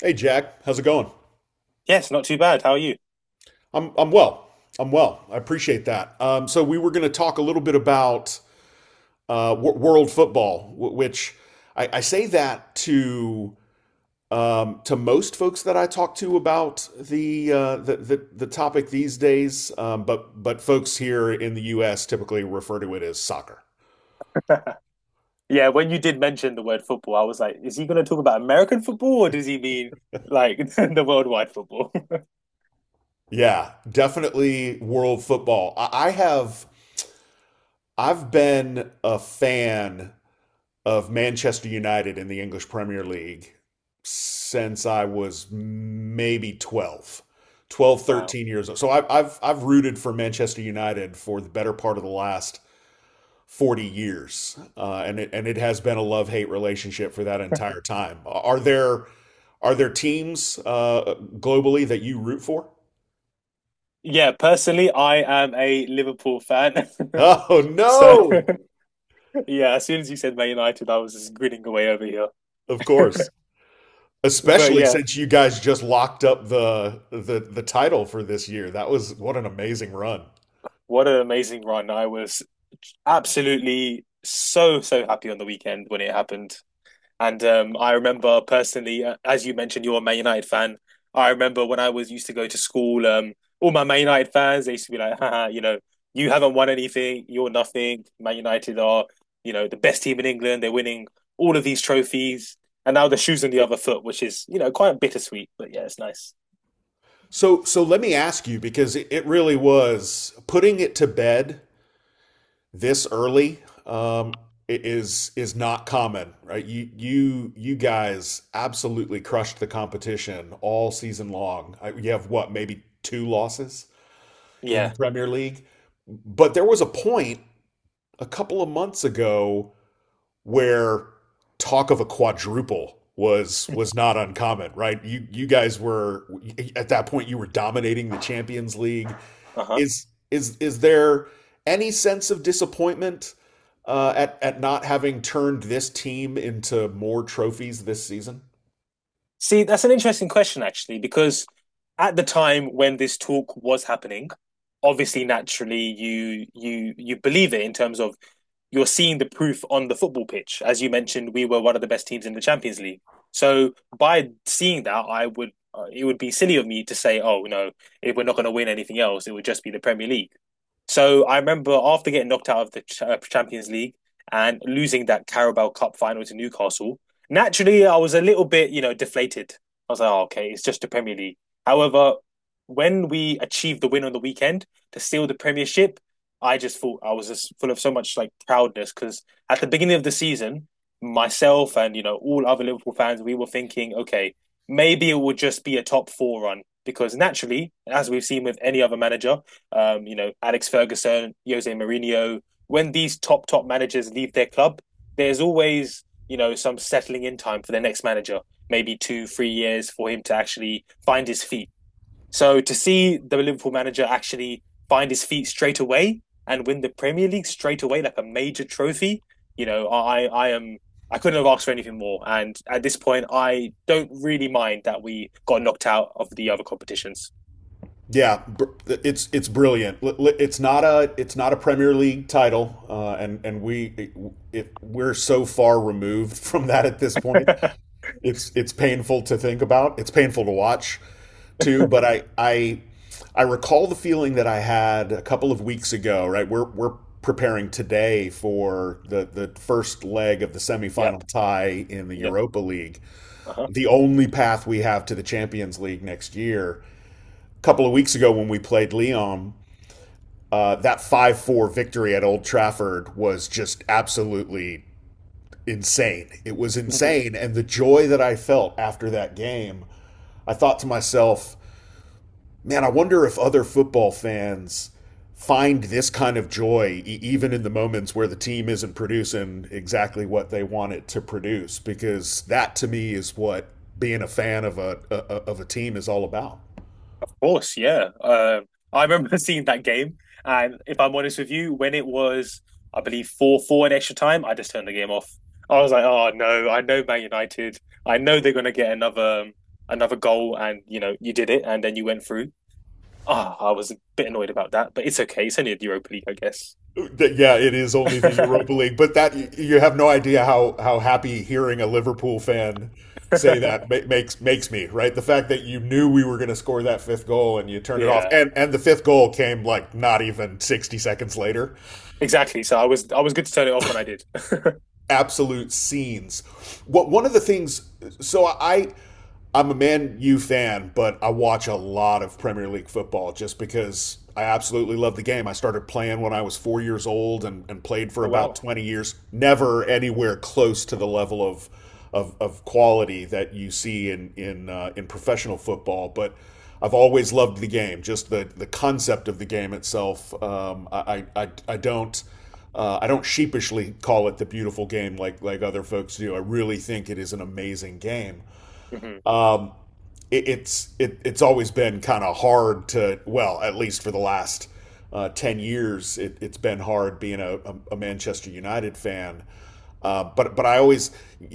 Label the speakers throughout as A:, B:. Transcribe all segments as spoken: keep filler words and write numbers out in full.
A: Hey, Jack, how's it going?
B: Yes, not too bad. How are you?
A: I'm I'm well. I'm well. I appreciate that. Um, so we were going to talk a little bit about uh, w- world football, w- which I, I say that to um, to most folks that I talk to about the uh, the, the the topic these days, um, but but folks here in the U S typically refer to it as soccer.
B: Yeah, when you did mention the word football, I was like, is he going to talk about American football or does he mean like the worldwide football?
A: Yeah, definitely world football. I, I have I've been a fan of Manchester United in the English Premier League since I was maybe twelve, twelve,
B: Wow.
A: thirteen years old. So I, have I've, I've rooted for Manchester United for the better part of the last forty years. Uh, and it, and it has been a love hate relationship for that entire time. Are there, are there teams uh, globally that you root for?
B: Yeah, personally, I am a Liverpool fan.
A: Oh,
B: So,
A: no.
B: yeah, as soon as you said Man United, I was just grinning away over here.
A: Of course.
B: But
A: Especially
B: yeah,
A: since you guys just locked up the the the title for this year. That was what an amazing run.
B: what an amazing run. I was absolutely so, so happy on the weekend when it happened. And um, I remember personally, uh, as you mentioned, you're a Man United fan. I remember when I was used to go to school, um, all my Man United fans, they used to be like, haha, you know, you haven't won anything, you're nothing. Man United are, you know, the best team in England. They're winning all of these trophies. And now the shoe's on the other foot, which is, you know, quite bittersweet, but yeah, it's nice.
A: So so let me ask you because it, it really was putting it to bed this early um i- is is not common, right? You you you guys absolutely crushed the competition all season long. I- You have what, maybe two losses in the
B: Yeah.
A: Premier League? But there was a point a couple of months ago where talk of a quadruple was was not uncommon, right? You you guys were at that point you were dominating the Champions League.
B: Uh-huh.
A: Is is is there any sense of disappointment uh, at at not having turned this team into more trophies this season?
B: See, that's an interesting question, actually, because at the time when this talk was happening, obviously, naturally, you you you believe it in terms of you're seeing the proof on the football pitch. As you mentioned, we were one of the best teams in the Champions League. So by seeing that, I would uh, it would be silly of me to say, oh no, if we're not going to win anything else, it would just be the Premier League. So I remember after getting knocked out of the Ch- uh, Champions League and losing that Carabao Cup final to Newcastle. Naturally, I was a little bit, you know, deflated. I was like, oh, okay, it's just the Premier League. However, when we achieved the win on the weekend to steal the Premiership, I just thought I was just full of so much like proudness because at the beginning of the season, myself and you know all other Liverpool fans, we were thinking, okay, maybe it will just be a top four run because naturally, as we've seen with any other manager, um, you know Alex Ferguson, Jose Mourinho, when these top top managers leave their club, there's always you know, some settling in time for their next manager, maybe two, three years for him to actually find his feet. So to see the Liverpool manager actually find his feet straight away and win the Premier League straight away, like a major trophy, you know, I, I am I couldn't have asked for anything more. And at this point, I don't really mind that we got knocked out of the other competitions.
A: Yeah, it's it's brilliant. It's not a it's not a Premier League title, uh, and and we it, we're so far removed from that at this point. it's it's painful to think about. It's painful to watch too, but I I I recall the feeling that I had a couple of weeks ago, right? We're we're preparing today for the the first leg of the
B: Yep.
A: semifinal tie in the
B: Yep.
A: Europa League,
B: Uh huh.
A: the only path we have to the Champions League next year. A couple of weeks ago when we played Lyon, uh, that five four victory at Old Trafford was just absolutely insane. It was insane and the joy that I felt after that game I thought to myself, man, I wonder if other football fans find this kind of joy e- even in the moments where the team isn't producing exactly what they want it to produce because that to me is what being a fan of a, a of a team is all about.
B: Course, yeah. Uh, I remember seeing that game, and if I'm honest with you, when it was, I believe four four in extra time, I just turned the game off. I was like, oh no, I know Man United. I know they're gonna get another um, another goal, and you know you did it, and then you went through. Ah, I was a bit annoyed about that, but it's okay. It's only a Europa League, I guess.
A: That- Yeah, it is only the Europa League, but that y- you have no idea how how happy hearing a Liverpool fan say that ma- makes makes me, right? The fact that you knew we were going to score that fifth goal and you turned it off,
B: Yeah,
A: and and the fifth goal came like not even sixty seconds later.
B: exactly. So I was I was good to turn it off when I did.
A: Absolute scenes. What one of the things? So I, I'm a Man U fan, but I watch a lot of Premier League football just because I absolutely love the game. I started playing when I was four years old and, and played for
B: Oh
A: about
B: wow.
A: twenty years. Never anywhere close to the level of of, of quality that you see in in uh, in professional football, but. I've always loved the game, just the, the concept of the game itself. Um, I, I, I don't uh, I don't sheepishly call it the beautiful game like like other folks do. I really think it is an amazing game
B: Hmm.
A: it, it's it, it's always been kind of hard to well, at least for the last uh, ten years, it, it's been hard being a, a, Manchester United fan. Uh, but but I always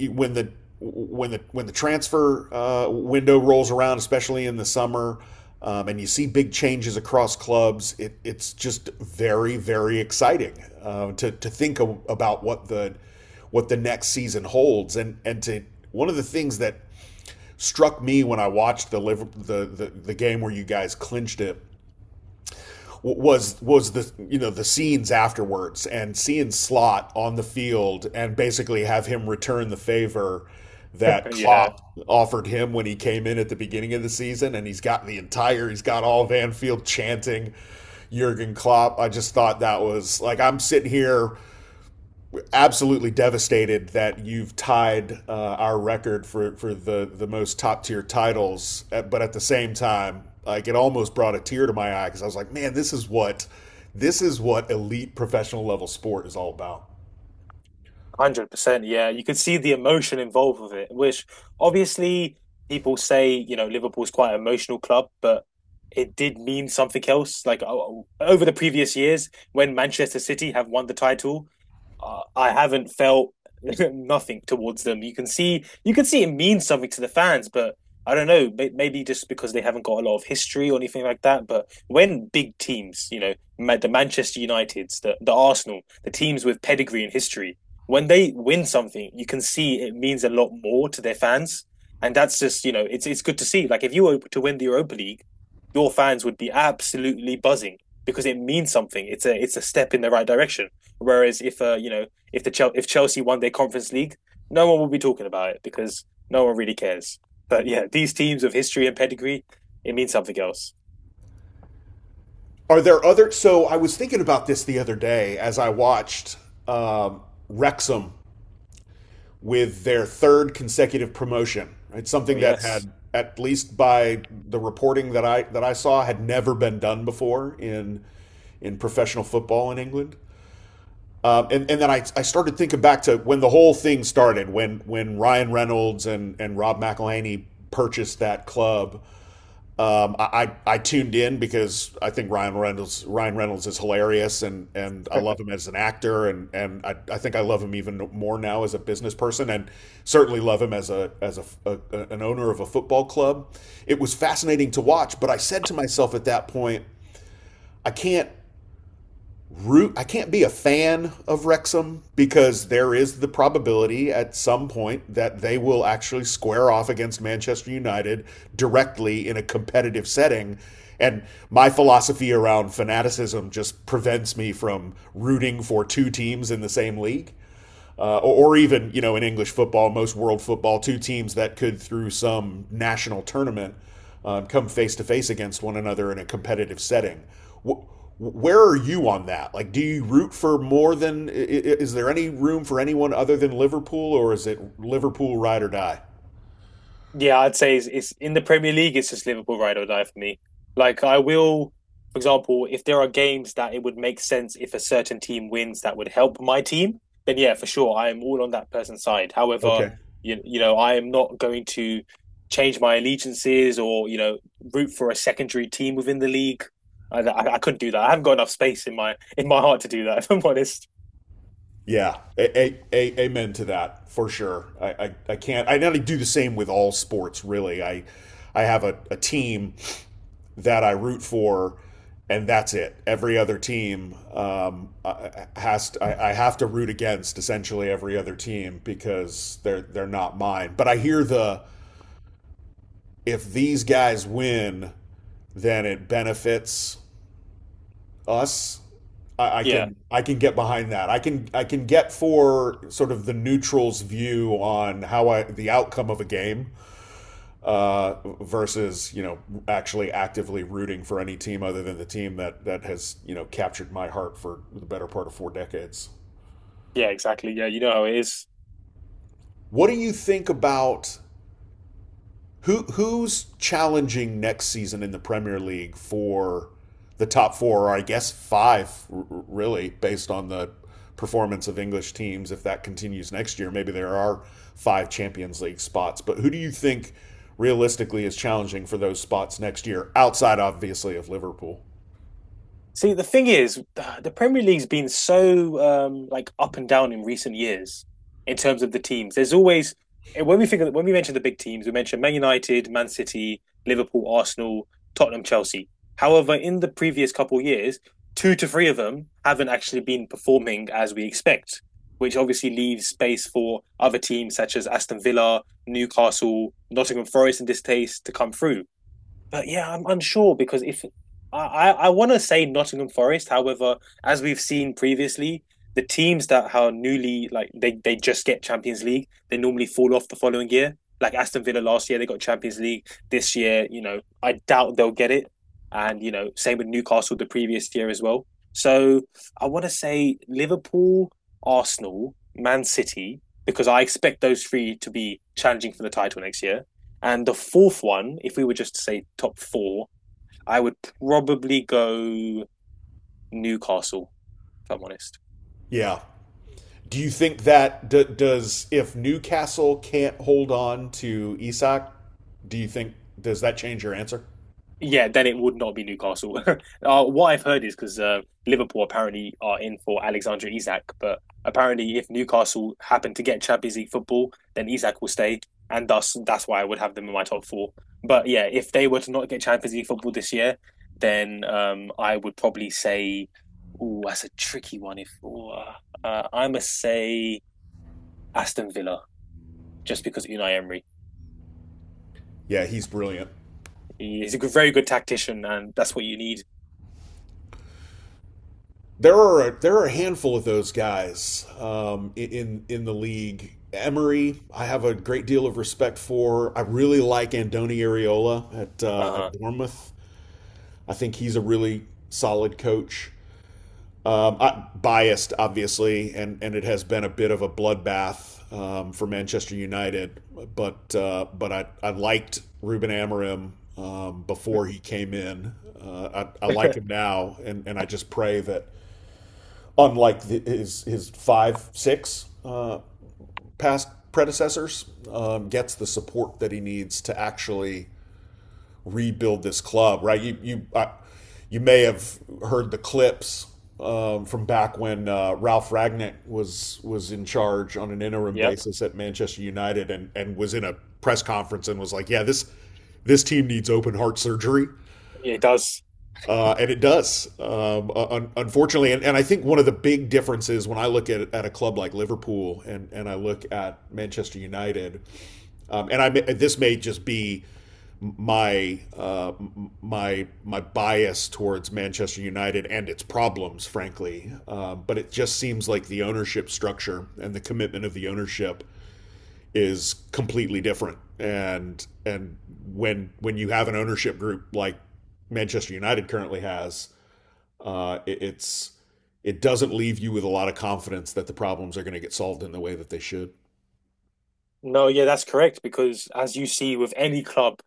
A: when the when the when the transfer uh, window rolls around, especially in the summer, um, and you see big changes across clubs, it, it's just very very exciting uh, to to think of, about what the what the next season holds, and and to one of the things that struck me when I watched the liver, the, the the game where you guys clinched it was was the you know the scenes afterwards and seeing Slot on the field and basically have him return the favor that
B: Yeah.
A: Klopp offered him when he came in at the beginning of the season and he's got the entire he's got all Van Field chanting Jurgen Klopp. I just thought that was like I'm sitting here absolutely devastated that you've tied uh, our record for, for the, the most top tier titles. Uh, But at the same time, like it almost brought a tear to my eye because I was like, man, this is what this is what elite professional level sport is all about.
B: one hundred percent, yeah. You could see the emotion involved with it, which obviously people say, you know, Liverpool's quite an emotional club, but it did mean something else. Like o- over the previous years, when Manchester City have won the title, uh, I haven't felt nothing towards them. You can see, you can see it means something to the fans, but I don't know, may- maybe just because they haven't got a lot of history or anything like that. But when big teams, you know, Ma- the Manchester Uniteds, the, the Arsenal, the teams with pedigree and history, when they win something, you can see it means a lot more to their fans, and that's just you know it's it's good to see. Like if you were to win the Europa League, your fans would be absolutely buzzing because it means something. It's a it's a step in the right direction. Whereas if uh you know if the Chel- if Chelsea won their Conference League, no one will be talking about it because no one really cares. But yeah, these teams of history and pedigree, it means something else.
A: Are there other? So I was thinking about this the other day as I watched um, Wrexham with their third consecutive promotion. Right,
B: Oh
A: something that
B: yes.
A: had, at least by the reporting that I that I saw, had never been done before in in professional football in England. Um, and, and then I, I started thinking back to when the whole thing started, when when Ryan Reynolds and, and Rob McElhenney purchased that club um, I, I tuned in because I think Ryan Reynolds Ryan Reynolds is hilarious and and I love him as an actor and and I, I think I love him even more now as a business person and certainly love him as a as a, a an owner of a football club. It was fascinating to watch, but I said to myself at that point, I can't root I can't be a fan of Wrexham because there is the probability at some point that they will actually square off against Manchester United directly in a competitive setting and my philosophy around fanaticism just prevents me from rooting for two teams in the same league uh, or, or even you know in English football, most world football, two teams that could through some national tournament um, come face to face against one another in a competitive setting. Wh- where are you on that? Like, do you root for more than? Is there any room for anyone other than Liverpool, or is it Liverpool ride or die?
B: Yeah, I'd say it's, it's in the Premier League. It's just Liverpool ride or die for me. Like I will, for example, if there are games that it would make sense if a certain team wins that would help my team, then yeah, for sure, I am all on that person's side. However,
A: Okay.
B: you you know, I am not going to change my allegiances or you know root for a secondary team within the league. I, I, I couldn't do that. I haven't got enough space in my in my heart to do that. If I'm honest.
A: Yeah. A- a- a- amen to that for sure. I, I, I can't. I not do the same with all sports. Really, I I have a, a team that I root for, and that's it. Every other team um, uh, has to, I, I have to root against essentially every other team because they're they're not mine. But I hear the if these guys win, then it benefits us. I, I
B: Yeah,
A: can I can get behind that. I can I can get for sort of the neutral's view on how I the outcome of a game uh, versus you know actually actively rooting for any team other than the team that that has you know captured my heart for the better part of four decades.
B: yeah, exactly. Yeah, you know how it is.
A: What do you think about who who's challenging next season in the Premier League for the top four, or I guess five, really, based on the performance of English teams. If that continues next year, maybe there are five Champions League spots. But who do you think realistically is challenging for those spots next year, outside obviously of Liverpool?
B: See, the thing is, the Premier League's been so um, like up and down in recent years in terms of the teams. There's always eh, when we think of, when we mention the big teams, we mention Man United, Man City, Liverpool, Arsenal, Tottenham, Chelsea. However, in the previous couple of years, two to three of them haven't actually been performing as we expect, which obviously leaves space for other teams such as Aston Villa, Newcastle, Nottingham Forest in this case to come through. But yeah, I'm unsure because if I I, I want to say Nottingham Forest, however, as we've seen previously, the teams that are newly like they they just get Champions League, they normally fall off the following year. Like Aston Villa last year, they got Champions League. This year, you know, I doubt they'll get it. And you know, same with Newcastle the previous year as well. So I want to say Liverpool, Arsenal, Man City, because I expect those three to be challenging for the title next year. And the fourth one, if we were just to say top four, I would probably go Newcastle, if I'm honest.
A: Yeah. Do you think that d- does if Newcastle can't hold on to Isak, do you think does that change your answer?
B: Yeah, then it would not be Newcastle. Uh, what I've heard is because uh, Liverpool apparently are in for Alexander Isak, but apparently if Newcastle happen to get Champions League football, then Isak will stay, and thus that's why I would have them in my top four. But yeah, if they were to not get Champions League football this year, then um, I would probably say, oh, that's a tricky one. If ooh, uh, I must say Aston Villa just because Unai Emery.
A: Yeah, he's brilliant.
B: He's a very good tactician, and that's what you need.
A: There are a, there are a handful of those guys um, in in the league. Emery, I have a great deal of respect for. I really like Andoni Areola at
B: Uh
A: uh,
B: huh.
A: at Bournemouth. I think he's a really solid coach. Um, Biased, obviously, and, and it has been a bit of a bloodbath um, for Manchester United. But uh, but I, I liked Ruben Amorim um, before he came in. Uh, I, I like him now, and, and I just pray that unlike the, his his five six uh, past predecessors, um, gets the support that he needs to actually rebuild this club, right? You you I, you may have heard the clips um, from back when uh, Ralph Ragnick was was in charge on an interim
B: Yep.
A: basis at Manchester United, and and was in a press conference and was like, "Yeah, this this team needs open heart surgery,"
B: It does.
A: uh, and it does, um, uh, un- unfortunately. And, and I think one of the big differences when I look at at a club like Liverpool and and I look at Manchester United, um, and I this may just be my uh, my my bias towards Manchester United and its problems, frankly. Uh, but it just seems like the ownership structure and the commitment of the ownership is completely different. And and when when you have an ownership group like Manchester United currently has, uh, it, it's it doesn't leave you with a lot of confidence that the problems are going to get solved in the way that they should.
B: No, yeah, that's correct. Because as you see with any club,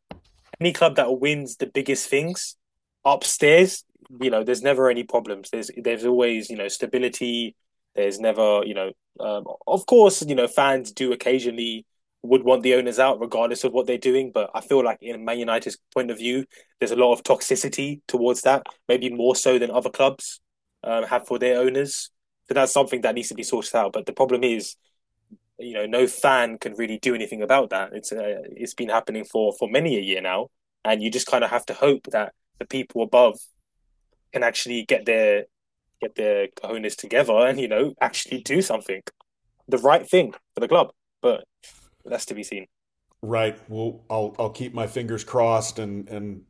B: any club that wins the biggest things upstairs, you know, there's never any problems. There's there's always, you know, stability. There's never, you know, um, of course, you know, fans do occasionally would want the owners out regardless of what they're doing, but I feel like in Man United's point of view, there's a lot of toxicity towards that, maybe more so than other clubs um, have for their owners. So that's something that needs to be sorted out. But the problem is you know no fan can really do anything about that. It's uh, it's been happening for for many a year now, and you just kind of have to hope that the people above can actually get their get their cojones together, and you know actually do something, the right thing for the club, but that's to be seen.
A: Right. Well, I'll I'll keep my fingers crossed and and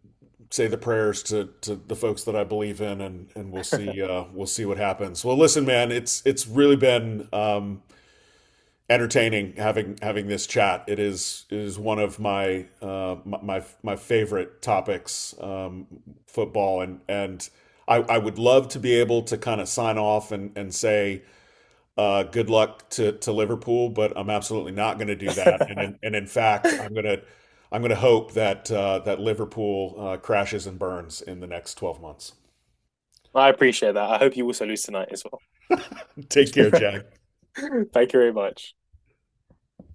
A: say the prayers to to the folks that I believe in, and and we'll see uh, we'll see what happens. Well, listen, man, it's it's really been um, entertaining having having this chat. It is it is one of my uh, my my my favorite topics, um, football, and and I I would love to be able to kind of sign off and and say uh, good luck to to Liverpool, but I'm absolutely not going to do that. And
B: I
A: in, and in fact, I'm gonna I'm gonna hope that uh, that Liverpool uh, crashes and burns in the next twelve months.
B: appreciate that. I hope you also lose tonight as well.
A: Take care, Jack.
B: Thank you very much.